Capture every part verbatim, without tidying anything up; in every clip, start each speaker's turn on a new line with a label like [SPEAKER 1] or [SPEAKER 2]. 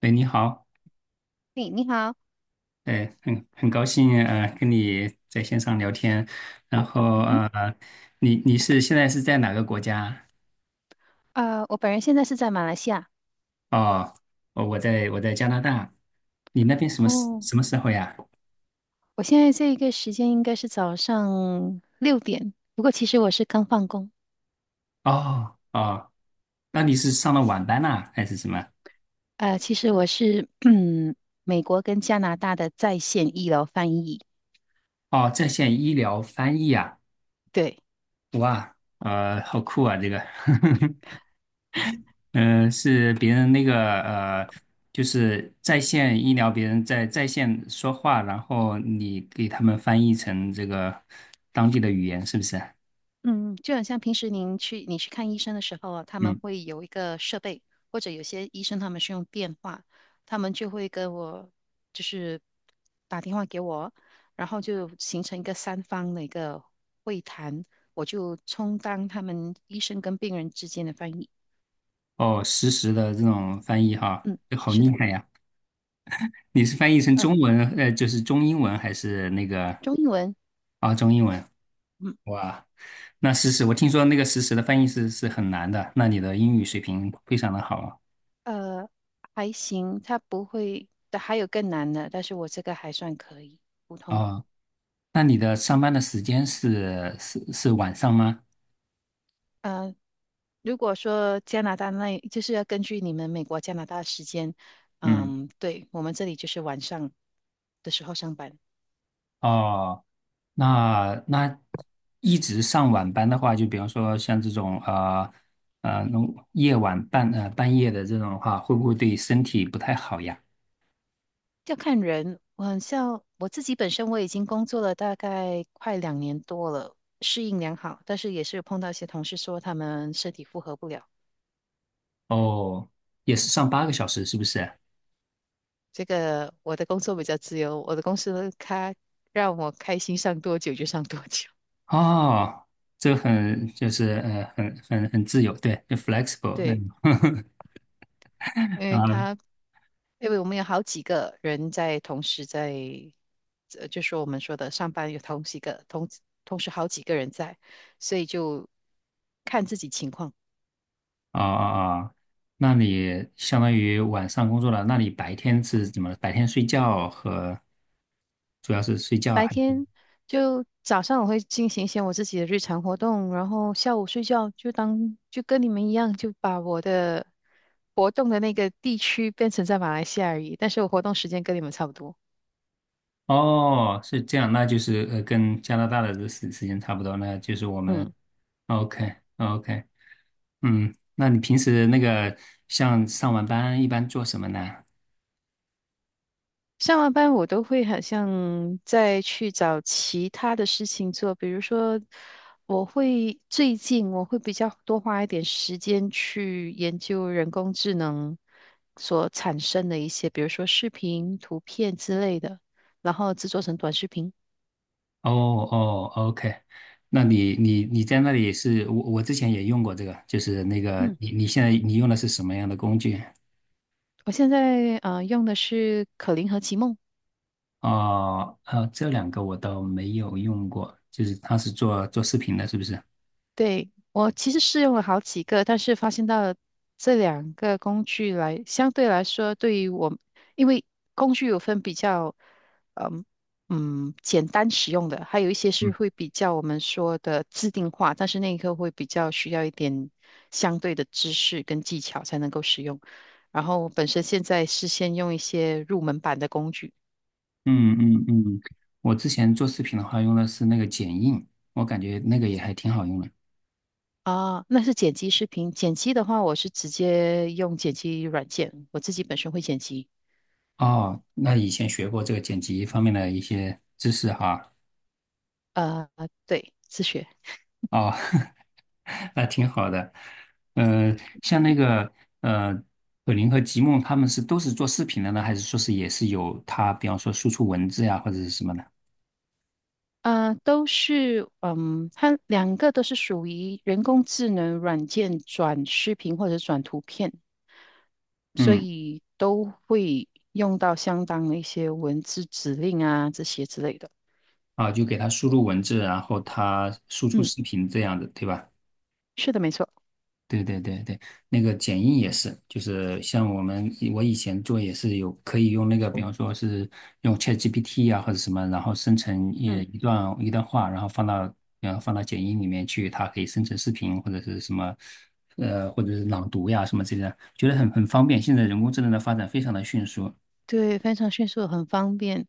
[SPEAKER 1] 喂，你好。
[SPEAKER 2] 嘿，你好，
[SPEAKER 1] 哎，很很高兴呃跟你在线上聊天。然后
[SPEAKER 2] 嗯，
[SPEAKER 1] 呃，你你是现在是在哪个国家？
[SPEAKER 2] 呃，我本人现在是在马来西亚。
[SPEAKER 1] 哦。哦，我在我在加拿大。你那边什么时
[SPEAKER 2] 哦，
[SPEAKER 1] 什么时候呀？
[SPEAKER 2] 我现在这一个时间应该是早上六点，不过其实我是刚放工。
[SPEAKER 1] 哦哦。那你是上了晚班呐、还是什么？
[SPEAKER 2] 呃，其实我是 嗯，美国跟加拿大的在线医疗翻译。
[SPEAKER 1] 哦，在线医疗翻译啊。
[SPEAKER 2] 对。
[SPEAKER 1] 哇，呃，好酷啊，这个。嗯，呃是别人那个呃，就是在线医疗，别人在在线说话，然后你给他们翻译成这个当地的语言，是不是？
[SPEAKER 2] 嗯，就很像平时您去你去看医生的时候啊，他们
[SPEAKER 1] 嗯。
[SPEAKER 2] 会有一个设备。或者有些医生他们是用电话，他们就会跟我，就是打电话给我，然后就形成一个三方的一个会谈，我就充当他们医生跟病人之间的翻译。
[SPEAKER 1] 哦，实时的这种翻译哈。
[SPEAKER 2] 嗯。
[SPEAKER 1] 好
[SPEAKER 2] 是
[SPEAKER 1] 厉
[SPEAKER 2] 的。
[SPEAKER 1] 害呀！你是翻译成
[SPEAKER 2] 呃，
[SPEAKER 1] 中文，呃，就是中英文还是那个
[SPEAKER 2] 中英文。
[SPEAKER 1] 啊，中英文？
[SPEAKER 2] 嗯。
[SPEAKER 1] 哇。那实时，我听说那个实时的翻译是是很难的，那你的英语水平非常的好
[SPEAKER 2] 呃，还行，他不会，还有更难的，但是我这个还算可以，普
[SPEAKER 1] 啊。
[SPEAKER 2] 通。
[SPEAKER 1] 哦，那你的上班的时间是是是晚上吗？
[SPEAKER 2] 呃如果说加拿大那，就是要根据你们美国、加拿大的时间。
[SPEAKER 1] 嗯。
[SPEAKER 2] 嗯。对，我们这里就是晚上的时候上班。
[SPEAKER 1] 哦，那那一直上晚班的话，就比方说像这种呃呃，那种夜晚半呃半夜的这种的话，会不会对身体不太好呀？
[SPEAKER 2] 要看人。我很像我自己本身，我已经工作了大概快两年多了，适应良好，但是也是碰到一些同事说他们身体负荷不了。
[SPEAKER 1] 哦，也是上八个小时，是不是？
[SPEAKER 2] 这个我的工作比较自由，我的公司它让我开心上多久就上多久。
[SPEAKER 1] 哦，这很就是呃很很很自由，对，就 flexible 那
[SPEAKER 2] 对。
[SPEAKER 1] 种。
[SPEAKER 2] 因 为他
[SPEAKER 1] 啊
[SPEAKER 2] 因为我们有好几个人在同时在。呃，就说我们说的上班有同几个同同时好几个人在，所以就看自己情况。
[SPEAKER 1] 啊啊 啊，那你相当于晚上工作了，那你白天是怎么？白天睡觉和主要是睡觉
[SPEAKER 2] 白
[SPEAKER 1] 还？
[SPEAKER 2] 天就早上我会进行一些我自己的日常活动，然后下午睡觉就当就跟你们一样，就把我的活动的那个地区变成在马来西亚而已，但是我活动时间跟你们差不多。
[SPEAKER 1] 哦，是这样，那就是呃，跟加拿大的这时时间差不多，那就是我们
[SPEAKER 2] 嗯。
[SPEAKER 1] ，OK OK。嗯，那你平时那个像上完班一般做什么呢？
[SPEAKER 2] 上完班我都会好像再去找其他的事情做。比如说，我会最近我会比较多花一点时间去研究人工智能所产生的一些，比如说视频、图片之类的，然后制作成短视频。
[SPEAKER 1] 哦哦，OK。那你你你在那里是我我之前也用过这个，就是那个
[SPEAKER 2] 嗯。
[SPEAKER 1] 你你现在你用的是什么样的工具？
[SPEAKER 2] 我现在呃用的是可伶和奇梦。
[SPEAKER 1] 哦，呃，这两个我倒没有用过，就是他是做做视频的，是不是？
[SPEAKER 2] 对，我其实试用了好几个，但是发现到这两个工具来，相对来说，对于我，因为工具有分比较，嗯嗯，简单使用的，还有一些是会比较我们说的自定化，但是那一刻会比较需要一点相对的知识跟技巧才能够使用。然后本身现在是先用一些入门版的工具。
[SPEAKER 1] 嗯嗯嗯。我之前做视频的话用的是那个剪映，我感觉那个也还挺好用的。
[SPEAKER 2] 啊，那是剪辑视频。剪辑的话，我是直接用剪辑软件，我自己本身会剪辑。
[SPEAKER 1] 哦，那以前学过这个剪辑方面的一些知识哈。
[SPEAKER 2] 呃，对。自学。
[SPEAKER 1] 哦，那挺好的。呃，像那个呃，可林和吉梦他们是都是做视频的呢，还是说是也是有他，比方说输出文字呀或者是什么的？
[SPEAKER 2] 呃，都是。嗯，它两个都是属于人工智能软件转视频或者转图片，所
[SPEAKER 1] 嗯。
[SPEAKER 2] 以都会用到相当的一些文字指令啊这些之类的。
[SPEAKER 1] 啊，就给他输入文字，然后他输出
[SPEAKER 2] 嗯。
[SPEAKER 1] 视频这样的，对吧？
[SPEAKER 2] 是的，没错。
[SPEAKER 1] 对对对对，那个剪映也是，就是像我们我以前做也是有可以用那个，比方说是用 ChatGPT 啊或者什么，然后生成一
[SPEAKER 2] 嗯。
[SPEAKER 1] 一段一段话，然后放到然后放到剪映里面去，它可以生成视频或者是什么，呃或者是朗读呀什么之类的，觉得很很方便。现在人工智能的发展非常的迅速。
[SPEAKER 2] 对，非常迅速，很方便。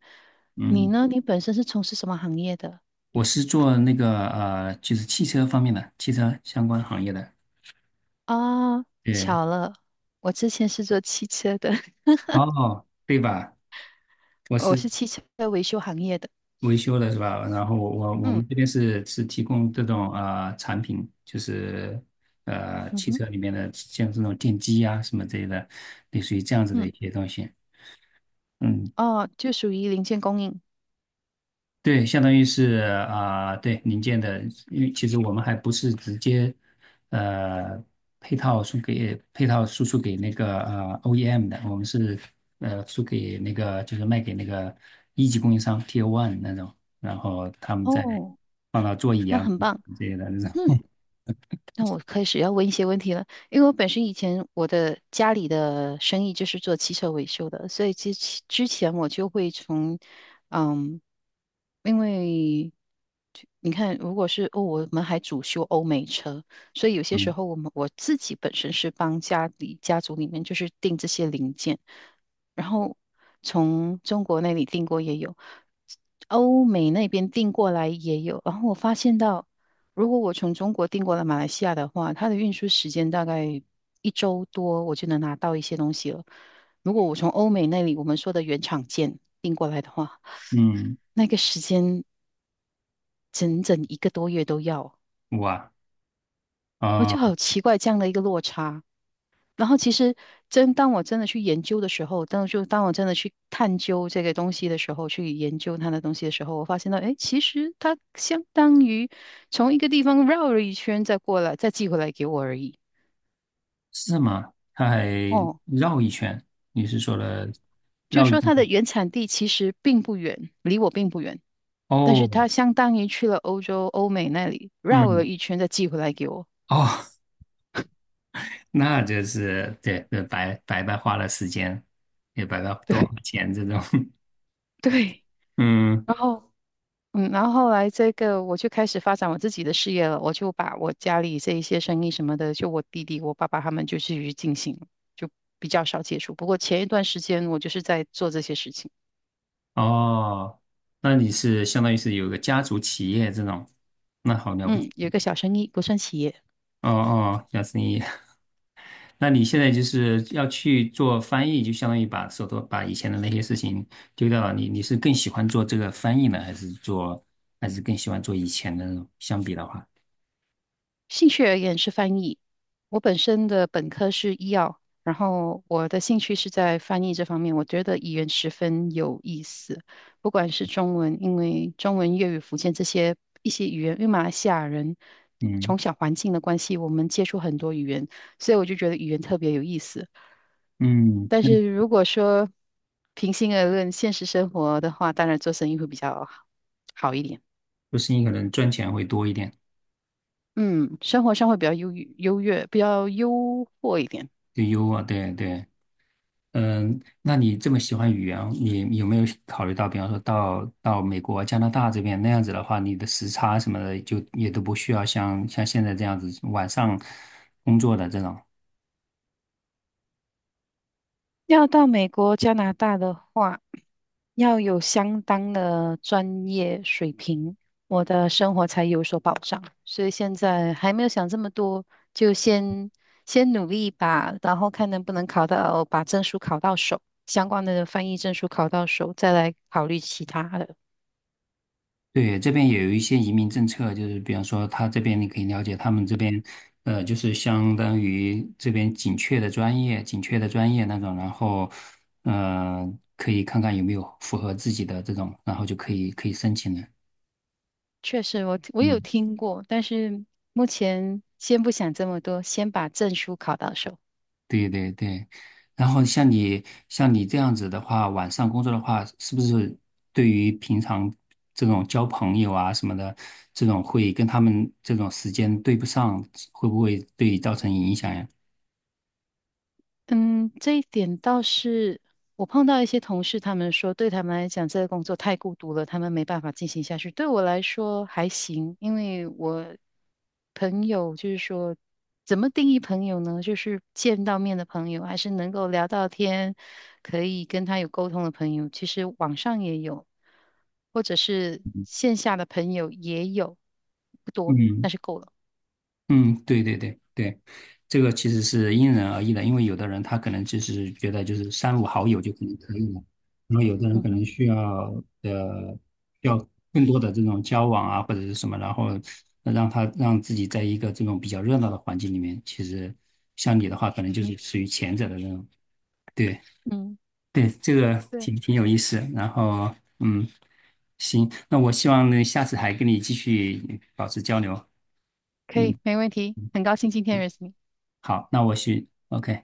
[SPEAKER 2] 你
[SPEAKER 1] 嗯。
[SPEAKER 2] 呢？你本身是从事什么行业的？
[SPEAKER 1] 我是做那个呃就是汽车方面的汽车相关行业的。
[SPEAKER 2] 啊，
[SPEAKER 1] 对。
[SPEAKER 2] 巧了，我之前是做汽车的。
[SPEAKER 1] 哦，对吧？我
[SPEAKER 2] 我
[SPEAKER 1] 是。
[SPEAKER 2] 是汽车维修行业的。
[SPEAKER 1] 维修的是吧？然后我我我
[SPEAKER 2] 嗯。
[SPEAKER 1] 们这边是是提供这种啊产品，就是呃
[SPEAKER 2] 嗯
[SPEAKER 1] 汽
[SPEAKER 2] 哼。
[SPEAKER 1] 车里面的像这种电机啊什么之类的，类似于这样子的
[SPEAKER 2] 嗯。
[SPEAKER 1] 一些东西。嗯。
[SPEAKER 2] 哦，就属于零件供应。
[SPEAKER 1] 对，相当于是啊、对零件的，因为其实我们还不是直接呃配套输给配套输出给那个呃 O E M 的，我们是呃输给那个就是卖给那个一级供应商 t o One 那种，然后他们再
[SPEAKER 2] 哦，
[SPEAKER 1] 放到座椅
[SPEAKER 2] 那
[SPEAKER 1] 啊
[SPEAKER 2] 很棒。
[SPEAKER 1] 之类的那
[SPEAKER 2] 那
[SPEAKER 1] 种。
[SPEAKER 2] 那我开始要问一些问题了。因为我本身以前我的家里的生意就是做汽车维修的，所以之前之前我就会从，嗯，因为就你看，如果是哦，我们还主修欧美车，所以有些时
[SPEAKER 1] 嗯
[SPEAKER 2] 候我们我自己本身是帮家里家族里面就是订这些零件。然后从中国那里订过也有，欧美那边订过来也有。然后我发现到，如果我从中国订过来马来西亚的话，它的运输时间大概一周多，我就能拿到一些东西了。如果我从欧美那里我们说的原厂件订过来的话，
[SPEAKER 1] 嗯。
[SPEAKER 2] 那个时间整整一个多月都要，
[SPEAKER 1] 哇。
[SPEAKER 2] 我就
[SPEAKER 1] 啊、
[SPEAKER 2] 好奇怪这样的一个落差。然后其实真当我真的去研究的时候，当就当我真的去探究这个东西的时候，去研究它的东西的时候，我发现到，哎，其实它相当于从一个地方绕了一圈再过来，再寄回来给我而已。
[SPEAKER 1] 是吗？他还
[SPEAKER 2] 哦，
[SPEAKER 1] 绕一圈，你是说了
[SPEAKER 2] 就是
[SPEAKER 1] 绕一
[SPEAKER 2] 说
[SPEAKER 1] 圈？
[SPEAKER 2] 它的原产地其实并不远，离我并不远，但是
[SPEAKER 1] 哦。
[SPEAKER 2] 它相当于去了欧洲、欧美那里绕了
[SPEAKER 1] 嗯。
[SPEAKER 2] 一圈再寄回来给我。
[SPEAKER 1] 哦，那就是对，呃白白白花了时间，也白白 多花
[SPEAKER 2] 对，
[SPEAKER 1] 钱这种。
[SPEAKER 2] 对。
[SPEAKER 1] 嗯。
[SPEAKER 2] 然后嗯，然后后来这个我就开始发展我自己的事业了，我就把我家里这一些生意什么的，就我弟弟、我爸爸他们就继续进行了，就比较少接触。不过前一段时间我就是在做这些事情。
[SPEAKER 1] 哦，那你是相当于是有个家族企业这种，那好了不起。
[SPEAKER 2] 嗯，有一个小生意，不算企业。
[SPEAKER 1] 哦哦，小生意。那你现在就是要去做翻译，就相当于把手头把以前的那些事情丢掉了。你你是更喜欢做这个翻译呢，还是做，还是更喜欢做以前的那种？相比的话。
[SPEAKER 2] 兴趣而言是翻译。我本身的本科是医药，然后我的兴趣是在翻译这方面。我觉得语言十分有意思，不管是中文，因为中文、粤语、福建这些一些语言，因为马来西亚人
[SPEAKER 1] 嗯
[SPEAKER 2] 从小环境的关系，我们接触很多语言，所以我就觉得语言特别有意思。
[SPEAKER 1] 嗯。
[SPEAKER 2] 但是如果说平心而论，现实生活的话，当然做生意会比较好一点。
[SPEAKER 1] 做生意可能赚钱会多一点。
[SPEAKER 2] 嗯，生活上会比较优越优越，比较优渥一点。
[SPEAKER 1] 就优啊，对对。嗯，那你这么喜欢语言，你有没有考虑到，比方说到到美国、加拿大这边那样子的话，你的时差什么的就也都不需要像像现在这样子晚上工作的这种。
[SPEAKER 2] 要到美国、加拿大的话，要有相当的专业水平，我的生活才有所保障。所以现在还没有想这么多，就先先努力吧，然后看能不能考到，把证书考到手，相关的翻译证书考到手，再来考虑其他的。
[SPEAKER 1] 对，这边也有一些移民政策，就是比方说他这边你可以了解他们这边，呃，就是相当于这边紧缺的专业，紧缺的专业那种，然后，呃，可以看看有没有符合自己的这种，然后就可以可以申请了。
[SPEAKER 2] 确实我，我有
[SPEAKER 1] 嗯，
[SPEAKER 2] 听过，但是目前先不想这么多，先把证书考到手。
[SPEAKER 1] 对对对，然后像你像你这样子的话，晚上工作的话，是不是对于平常这种交朋友啊什么的，这种会跟他们这种时间对不上，会不会对你造成影响呀？
[SPEAKER 2] 嗯，这一点倒是我碰到一些同事，他们说对他们来讲，这个工作太孤独了，他们没办法进行下去。对我来说还行，因为我朋友就是说，怎么定义朋友呢？就是见到面的朋友，还是能够聊到天，可以跟他有沟通的朋友。其实网上也有，或者是线下的朋友也有，不多，
[SPEAKER 1] 嗯
[SPEAKER 2] 但是够了。
[SPEAKER 1] 嗯。对对对对，这个其实是因人而异的，因为有的人他可能就是觉得就是三五好友就可能可以了，然后有的人
[SPEAKER 2] 嗯
[SPEAKER 1] 可能
[SPEAKER 2] 哼。
[SPEAKER 1] 需要呃需要更多的这种交往啊或者是什么，然后让他让自己在一个这种比较热闹的环境里面，其实像你的话，可能
[SPEAKER 2] 嗯
[SPEAKER 1] 就
[SPEAKER 2] 哼。
[SPEAKER 1] 是属于前者的那种。对
[SPEAKER 2] 嗯。
[SPEAKER 1] 对，这个
[SPEAKER 2] 对啊。
[SPEAKER 1] 挺挺有意思。然后嗯，行，那我希望呢下次还跟你继续保持交流。
[SPEAKER 2] 可以，
[SPEAKER 1] 嗯，
[SPEAKER 2] 没问题。很高兴今天认识你。
[SPEAKER 1] 好，那我去，OK。